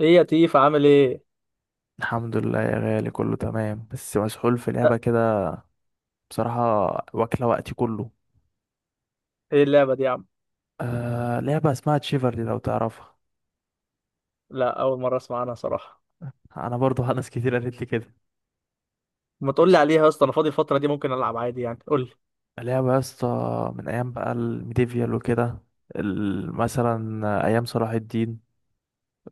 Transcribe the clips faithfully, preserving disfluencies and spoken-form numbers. ايه يا تيف عامل ايه؟ الحمد لله يا غالي، كله تمام بس مسحول في أه، لعبة كده. بصراحة واكلة وقتي كله. ايه اللعبه دي يا عم؟ آه، لعبة اسمها تشيفرلي لو تعرفها. لا، اول مره اسمع عنها صراحه. أنا برضو ناس كتير قالت لي كده. ما تقول لي تش- عليها يا اسطى، انا فاضي الفتره دي ممكن العب عادي يعني، قول لي. لعبة يا اسطى، من أيام بقى الميديفيال وكده. ال- مثلا أيام صلاح الدين،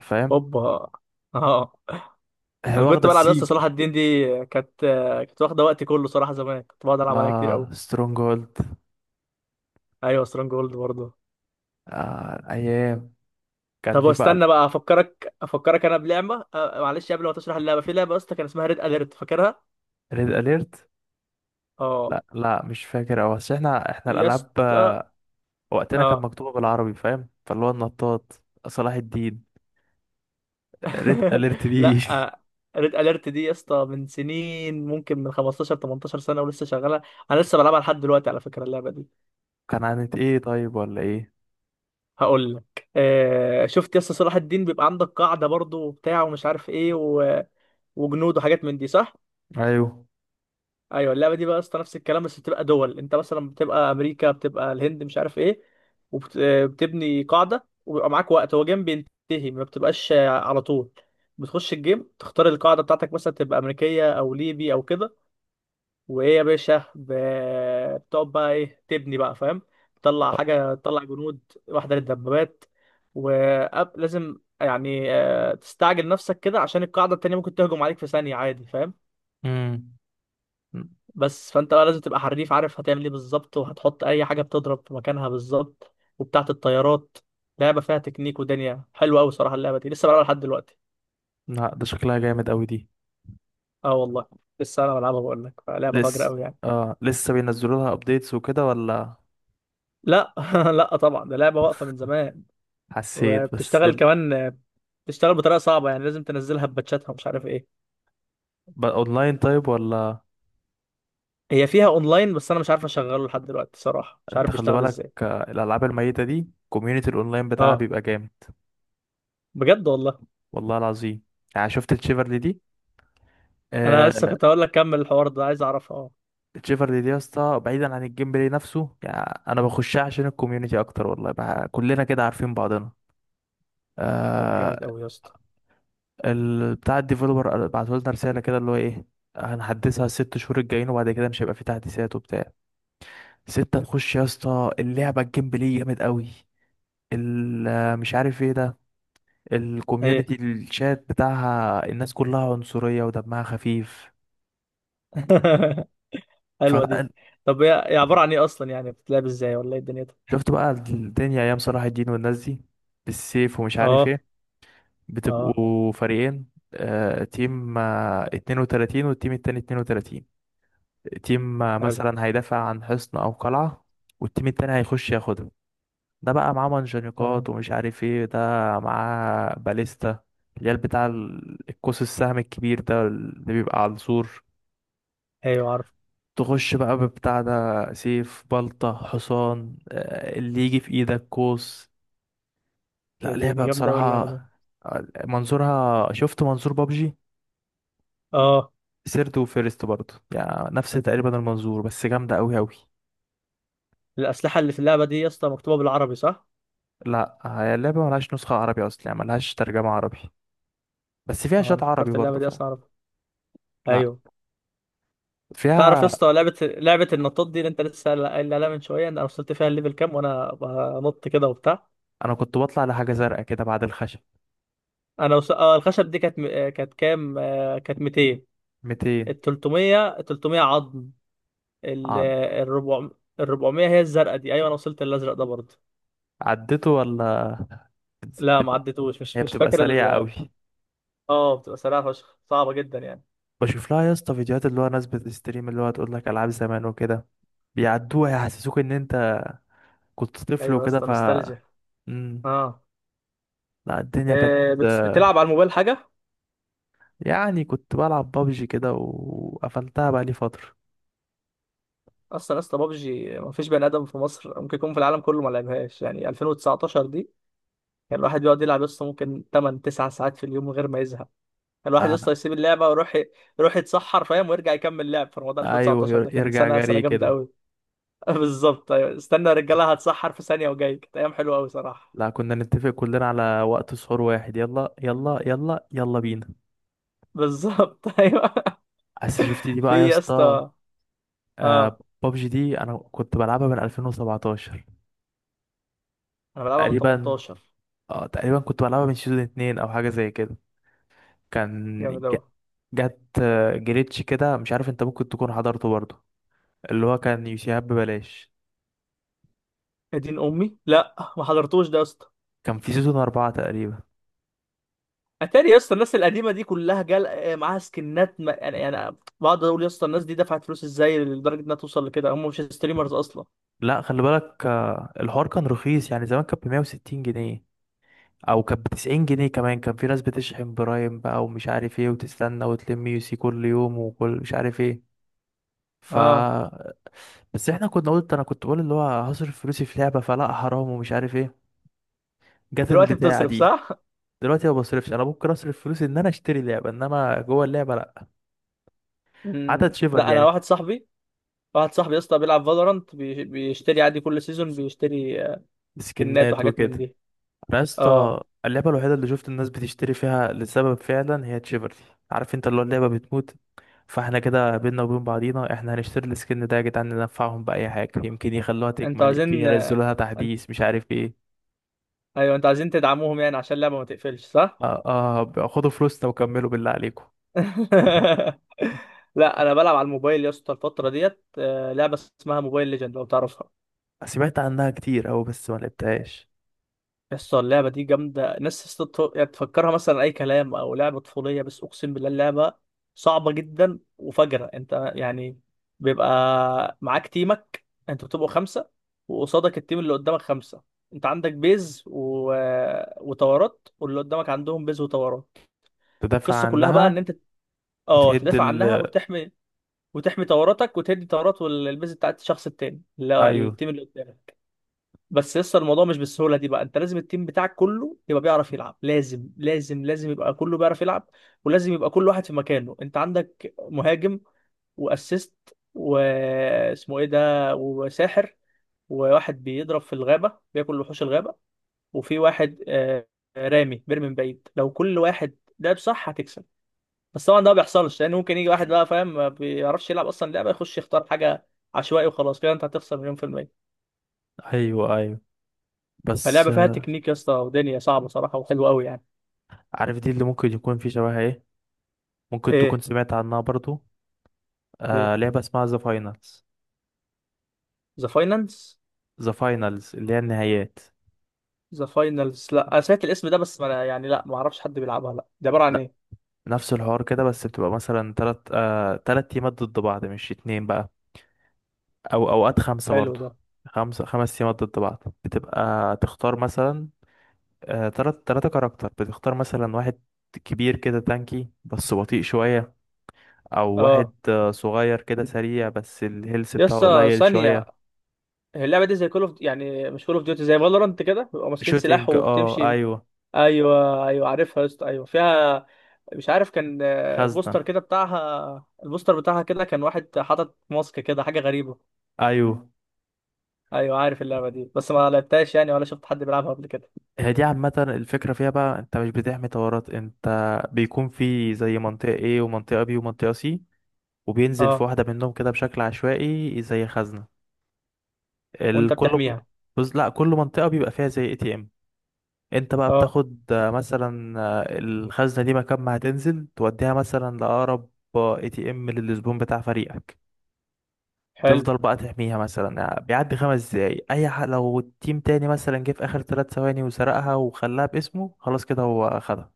فاهم. هوبا اه. هي انا واخدة كنت بلعب يا السيج. اسطى صلاح الدين دي، كانت كانت واخده وقتي كله صراحه، زمان كنت بقعد العب عليها كتير اه، قوي. سترونج هولد. ايوه سترونج جولد برضه. آه أيام، كان طب في بقى. واستنى بقى افكرك افكرك انا بلعبه. أه، معلش قبل ما تشرح اللعبه، في لعبه يا اسطى كان اسمها ريد اليرت، فاكرها؟ ريد أليرت، اه لا لا مش فاكر أوي، بس احنا احنا يا الألعاب اسطى. وقتنا كانت اه مكتوبة بالعربي، فاهم، فاللي هو النطاط، صلاح الدين، ريد اليرت دي. لا. ريد اليرت دي يا اسطى من سنين، ممكن من خمستاشر 18 سنه، ولسه شغاله. انا لسه بلعبها لحد دلوقتي على فكره اللعبه دي. كان عن ايه طيب ولا ايه؟ هقول لك. آه شفت يا اسطى صلاح الدين بيبقى عندك قاعده برضو وبتاع ومش عارف ايه و... وجنود وحاجات من دي، صح؟ ايوه. ايوه، اللعبه دي بقى يا اسطى نفس الكلام، بس بتبقى دول، انت مثلا بتبقى امريكا، بتبقى الهند، مش عارف ايه. وبتبني قاعده، وبيبقى معاك وقت هو جيم بينتهي، ما بتبقاش آه، على طول. بتخش الجيم، تختار القاعده بتاعتك مثلا، تبقى امريكيه او ليبي او كده. وايه يا باشا، ب- بتقعد بقى ايه، تبني بقى فاهم، تطلع آه، حاجه، تطلع جنود، واحده للدبابات. ولازم يعني آه، تستعجل نفسك كده، عشان القاعده التانيه ممكن تهجم عليك في ثانيه عادي، فاهم. امم م- بس فانت بقى لازم تبقى حريف، عارف هتعمل ايه بالظبط، وهتحط اي حاجه بتضرب في مكانها بالظبط وبتاعه الطيارات. لعبه فيها تكنيك ودنيا حلوه قوي صراحه، اللعبه دي لسه بلعبها لحد دلوقتي. لا ده شكلها جامد قوي دي. اه والله، لسه انا بلعبها، بقول لك لعبه فجره لسه؟ قوي يعني. اه لسه بينزلوا لها ابديتس وكده ولا؟ لا لا طبعا، ده لعبه واقفه من زمان، حسيت بس وبتشتغل ال- كمان. بتشتغل بطريقه صعبه، يعني لازم تنزلها بباتشاتها ومش عارف ايه. بقى اونلاين طيب ولا؟ هي فيها اونلاين، بس انا مش عارف اشغله لحد دلوقتي صراحه، مش انت عارف خلي بيشتغل بالك، ازاي. آه، الالعاب الميتة دي كوميونتي الاونلاين بتاعها اه. بيبقى جامد. بجد والله. والله العظيم. يعني شفت الشيفرلي دي؟ انا لسه آه. كنت هقول لك كمل الحوار ده، عايز اعرفها اه. تشيفرلي دي يا اسطى، بعيدا عن الجيم بلاي نفسه، يعني انا بخشها عشان الكوميونتي اكتر، والله بقى كلنا كده عارفين بعضنا. طب آه. جامد قوي يا اسطى. ال... بتاع الديفلوبر بعتوا لنا رساله كده اللي هو ايه، هنحدثها الست شهور الجايين وبعد كده مش هيبقى في تحديثات وبتاع. ستة نخش يا اسطى اللعبه، الجيم بلاي جامد قوي. ال... مش عارف ايه ده. ايه؟ الكوميونتي، الشات بتاعها الناس كلها عنصريه ودمها خفيف. حلوه دي. فلا. طب هي هي عباره عن ايه اصلا؟ يعني بتتلعب ازاي ولا ايه الدنيا ده؟ شفت بقى الدنيا ايام صلاح الدين والناس دي بالسيف ومش عارف اه. ايه. اه. بتبقوا فريقين، آه، تيم آه، اثنين وثلاثين والتيم التاني اثنين وثلاثين. تيم آه، حلو. مثلا هيدافع عن حصن أو قلعة، والتيم التاني هيخش ياخدها. ده بقى معاه تمام. منجنيقات ومش عارف ايه ده، معاه باليستا اللي هي بتاع ال- القوس، السهم الكبير ده اللي بيبقى على السور. ايوه عارف. تخش بقى ببتاع ده، سيف، بلطة، حصان، آه، اللي يجي في ايدك، قوس. يا لا ديني لعبة جامده قوي بصراحة. اللعبه دي. آه، منظورها شفت، منظور بابجي. اه. سيرت وفيرست برضه، يعني نفس تقريبا المنظور بس جامدة أوي أوي. الاسلحه اللي في اللعبه دي يا اسطى مكتوبه بالعربي، صح؟ لا هي اللعبة ملهاش نسخة عربي أصلا، يعني ملهاش ترجمة عربي، بس فيها اه شات انا عربي فكرت اللعبه برضه، دي فاهم. اصلا عربي. لا ايوه. تعرف يا فيها. اسطى لعبه لعبه النطاط دي اللي انت لسه قايل قايل عليها من شويه، إن انا وصلت فيها الليفل كام وانا بنط كده وبتاع. أنا كنت بطلع لحاجة زرقاء كده بعد الخشب. انا وص... اه الخشب دي كانت م... آه، كانت كام؟ آه، كانت ميتين. ميتين. ال تلتمية، ال تلتمية عظم. ال عد... آه، الربع... ال اربعمائة هي الزرقاء دي. ايوه انا وصلت الازرق ده برضه. عدته ولا؟ لا، ما بتبقى... عدتوش، مش هي مش بتبقى فاكر سريعة ال... أوي. اه. بتبقى سريعه فشخ، صعبه جدا يعني. بشوف لها يا اسطى فيديوهات اللي هو ناس بتستريم، اللي هو تقول لك ألعاب زمان وكده، بيعدوها يحسسوك إن أنت كنت طفل ايوه يا وكده. اسطى، ف نوستالجيا. مم. اه. لا الدنيا كانت، آه، بت... بتلعب على الموبايل حاجه؟ يعني كنت بلعب بابجي كده وقفلتها بقى لي فترة. اصلا يا اسطى بابجي ما فيش بني ادم في مصر ممكن يكون في العالم كله ما لعبهاش، يعني ألفين وتسعتاشر دي يعني الواحد بيقعد يلعب يسطا ممكن تمن ساعات 9 ساعات في اليوم من غير ما يزهق. الواحد أنا. يسطا يسيب اللعبه ويروح، يروح يتسحر فاهم، ويرجع يكمل لعب في رمضان. أيوه، ألفين وتسعة عشر ير- ده كان يرجع سنه سنه جري جامده كده. قوي. بالظبط ايوه، استنى يا رجاله هتسحر في ثانيه وجاي. كانت ايام حلوه قوي صراحه. لا كنا نتفق كلنا على وقت سحور واحد، يلا يلا يلا يلا بينا. بالظبط ايوه. بس شفت دي بقى يا في يا اسطى. اسطى. آه اه بابجي دي أنا كنت بلعبها من ألفين وسبعطعش انا بلعبها من تقريبا. تمنتاشر. اه تقريبا كنت بلعبها من سيزون اتنين أو حاجة زي كده. كان، جامد ج- قوي. جت آه، جليتش كده، مش عارف انت ممكن تكون حضرته برضه، اللي هو كان يوسيهاب ببلاش. يا دين امي، لا ما حضرتوش ده يا اسطى. كان في سيزون أربعة تقريبا. اتاري يا اسطى الناس القديمه دي كلها جال آه، معاها سكنات، ما... يعني، يعني بقعد اقول يا اسطى الناس دي دفعت فلوس ازاي لدرجه انها توصل لكده، هم مش ستريمرز اصلا. لا خلي بالك، آه، الحوار كان رخيص، يعني زمان كانت ب مية وستين جنيه او كانت ب تسعين جنيه كمان. كان في ناس بتشحن برايم بقى ومش عارف ايه، وتستنى وتلم يو سي كل يوم وكل مش عارف ايه. ف اه. بس احنا كنا، قلت انا كنت بقول اللي هو هصرف فلوسي في لعبة فلا حرام ومش عارف ايه. جت دلوقتي البتاعة بتصرف، دي. صح؟ دلوقتي ما بصرفش. انا ممكن اصرف فلوسي ان انا اشتري لعبة، انما جوه اللعبة لا. عدد مم. شيفر لا انا يعني. واحد صاحبي، واحد صاحبي يا اسطى بيلعب فالورانت بيشتري عادي كل سيزون، بيشتري آه، سكنات سكنات وحاجات من وكده. دي. انا يا اسطى اه. اللعبه الوحيده اللي شفت الناس بتشتري فيها لسبب فعلا هي تشيفرتي. عارف انت اللي هو اللعبه بتموت، فاحنا كده بينا وبين بعضينا احنا هنشتري السكن ده يا جدعان، ننفعهم باي حاجه، يمكن يخلوها انتوا تكمل، يمكن عايزين، آه، ينزلوا لها انت... تحديث مش عارف ايه. ايوه انتوا عايزين تدعموهم يعني عشان اللعبه ما تقفلش، صح؟ اه. اه خدوا فلوسنا وكملوا بالله عليكم. لا انا بلعب على الموبايل يا اسطى الفتره ديت آه، لعبه اسمها موبايل ليجند، لو تعرفها. سمعت عنها كتير أوي بس ما لعبتهاش. يس، اللعبة دي جامدة. ناس تست- يعني تفكرها مثلا أي كلام أو لعبة طفولية، بس أقسم بالله اللعبة صعبة جدا وفجرة أنت يعني. بيبقى معاك تيمك، أنتوا بتبقوا خمسة، وقصادك التيم اللي قدامك خمسة. أنت عندك بيز و... وطورات، واللي قدامك عندهم بيز وطورات. تدافع القصة كلها بقى إن عنها أنت، أه وتهد تدافع عنها ال. وتحمي، وتحمي طوراتك وتدي طورات والبيز بتاعت الشخص التاني اللي هو أيوه التيم اللي قدامك. بس لسه الموضوع مش بالسهوله دي بقى، انت لازم التيم بتاعك كله يبقى بيعرف يلعب، لازم لازم لازم يبقى كله بيعرف يلعب. ولازم يبقى كل واحد في مكانه. انت عندك مهاجم، واسيست، واسمه ايه ده، وساحر، وواحد بيضرب في الغابه بياكل وحوش الغابه، وفي واحد آه، رامي بيرمي من بعيد. لو كل واحد لعب صح هتكسب. بس طبعا ده ما بيحصلش، لان ممكن يجي واحد بقى فاهم ما بيعرفش يلعب اصلا لعبه، يخش يختار حاجه عشوائي وخلاص، كده انت هتخسر مليون في المية. أيوه أيوه. بس فاللعبه فيها آه، تكنيك يا اسطى ودنيا صعبه صراحه، وحلوه قوي يعني. عارف دي اللي ممكن يكون في شبهها إيه؟ ممكن تكون ايه؟ سمعت عنها برضو. آه ايه؟ لعبة اسمها ذا فاينلز. ذا فاينانس؟ ذا فاينلز اللي هي النهايات. ذا فاينلز؟ لا انا سمعت الاسم ده بس، ما أنا يعني لا ما اعرفش حد بيلعبها. لا ده عباره عن لا، ايه؟ نفس الحوار كده بس بتبقى مثلا تلات، آه تلات تيمات ضد بعض مش اتنين بقى، أو أوقات خمسة حلو برضو. ده. خمسة، خمس تيمات ضد بعض. بتبقى تختار مثلا، آه تلات، تلاتة كاركتر. بتختار مثلا واحد كبير كده تانكي بس بطيء شوية، أو واحد اه آه صغير كده سريع بس الهيلث يا بتاعه اسطى، قليل ثانيه. شوية. هي اللعبه دي زي كول اوف يعني، مش كول اوف ديوتي، زي فالورانت كده بيبقوا ماسكين سلاح شوتينج اه وبتمشي؟ أيوه. ايوه ايوه عارفها يا اسطى، ايوه فيها. مش عارف كان آه، خزنة. بوستر كده بتاعها، البوستر بتاعها كده كان واحد حاطط ماسك كده، حاجه غريبه. أيوه. ايوه عارف اللعبه دي، بس ما لعبتهاش يعني ولا شفت حد بيلعبها قبل كده. هي دي عامة الفكرة فيها بقى، انت مش بتحمي طورات انت. بيكون في زي منطقة A ومنطقة B ومنطقة C، وبينزل في اه. واحدة منهم كده بشكل عشوائي زي خزنة. وانت الكل. بتحميها. بص لا، كل منطقة بيبقى فيها زي اي تي ام. انت بقى اه. بتاخد، آه، مثلا، آه، الخزنة دي مكان ما هتنزل توديها مثلا لأقرب اي تي ام للزبون بتاع فريقك. حلو. تفضل بقى تحميها، مثلا يعني بيعدي خمس دقايق، اي حق لو التيم تاني مثلا جه في اخر ثلاث ثواني وسرقها وخلاها باسمه، خلاص كده هو خدها.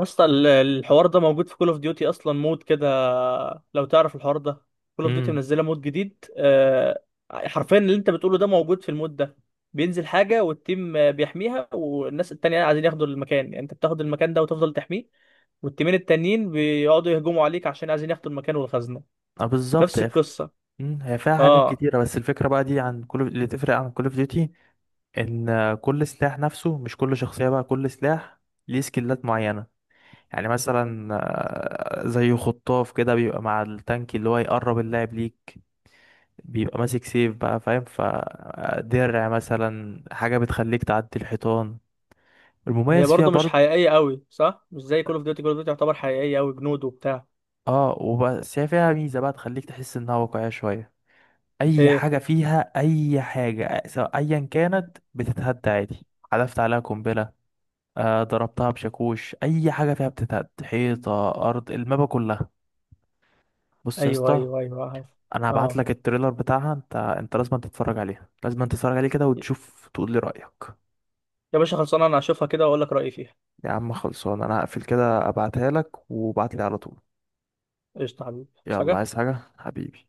اصلا ال- الحوار ده موجود في كول اوف ديوتي اصلا، مود كده، لو تعرف الحوار ده. كول اوف ديوتي امم منزله مود جديد آه، حرفيا اللي انت بتقوله ده موجود في المود ده. بينزل حاجه والتيم آه، بيحميها، والناس التانية عايزين ياخدوا المكان. يعني انت بتاخد المكان ده وتفضل تحميه، والتيمين التانيين بيقعدوا يهجموا عليك عشان عايزين ياخدوا المكان والخزنه. اه بالظبط نفس يا أخي. القصه. مم، هي فيها حاجات اه. كتيرة بس الفكرة بقى دي عن كل اللي تفرق عن كل اوف ديوتي، ان كل سلاح نفسه، مش كل شخصية بقى كل سلاح ليه سكيلات معينة. يعني مثلا، آه، زي خطاف كده بيبقى مع التانك اللي هو يقرب اللاعب ليك، بيبقى ماسك سيف بقى فاهم، فدرع مثلا حاجة بتخليك تعدي الحيطان. هي المميز فيها برضه مش برضه، حقيقيه قوي، صح؟ مش زي كول اوف ديوتي، كول اوف ديوتي يعتبر حقيقيه قوي، جنود وبتاع. اه وبس هي فيها ميزة بقى تخليك تحس انها واقعية شوية. اي ايه؟ حاجة فيها، اي حاجة سواء ايا كانت بتتهد عادي. حذفت عليها قنبلة، آه ضربتها بشاكوش، اي حاجه فيها بتتهد، حيطه، ارض المابا كلها. بص يا ايوه اسطى، ايوه ايوه عارف. انا هبعت اه لك التريلر بتاعها. انت انت لازم تتفرج عليها، لازم تتفرج عليه كده وتشوف تقول لي رايك. يا باشا خلصانه، انا هشوفها كده واقول لك رايي فيها. يا عم خلصان، انا هقفل كده ابعتها لك وابعت لي على طول. قشطه حبيبي، بس يلا عايز حاجه. حاجه حبيبي؟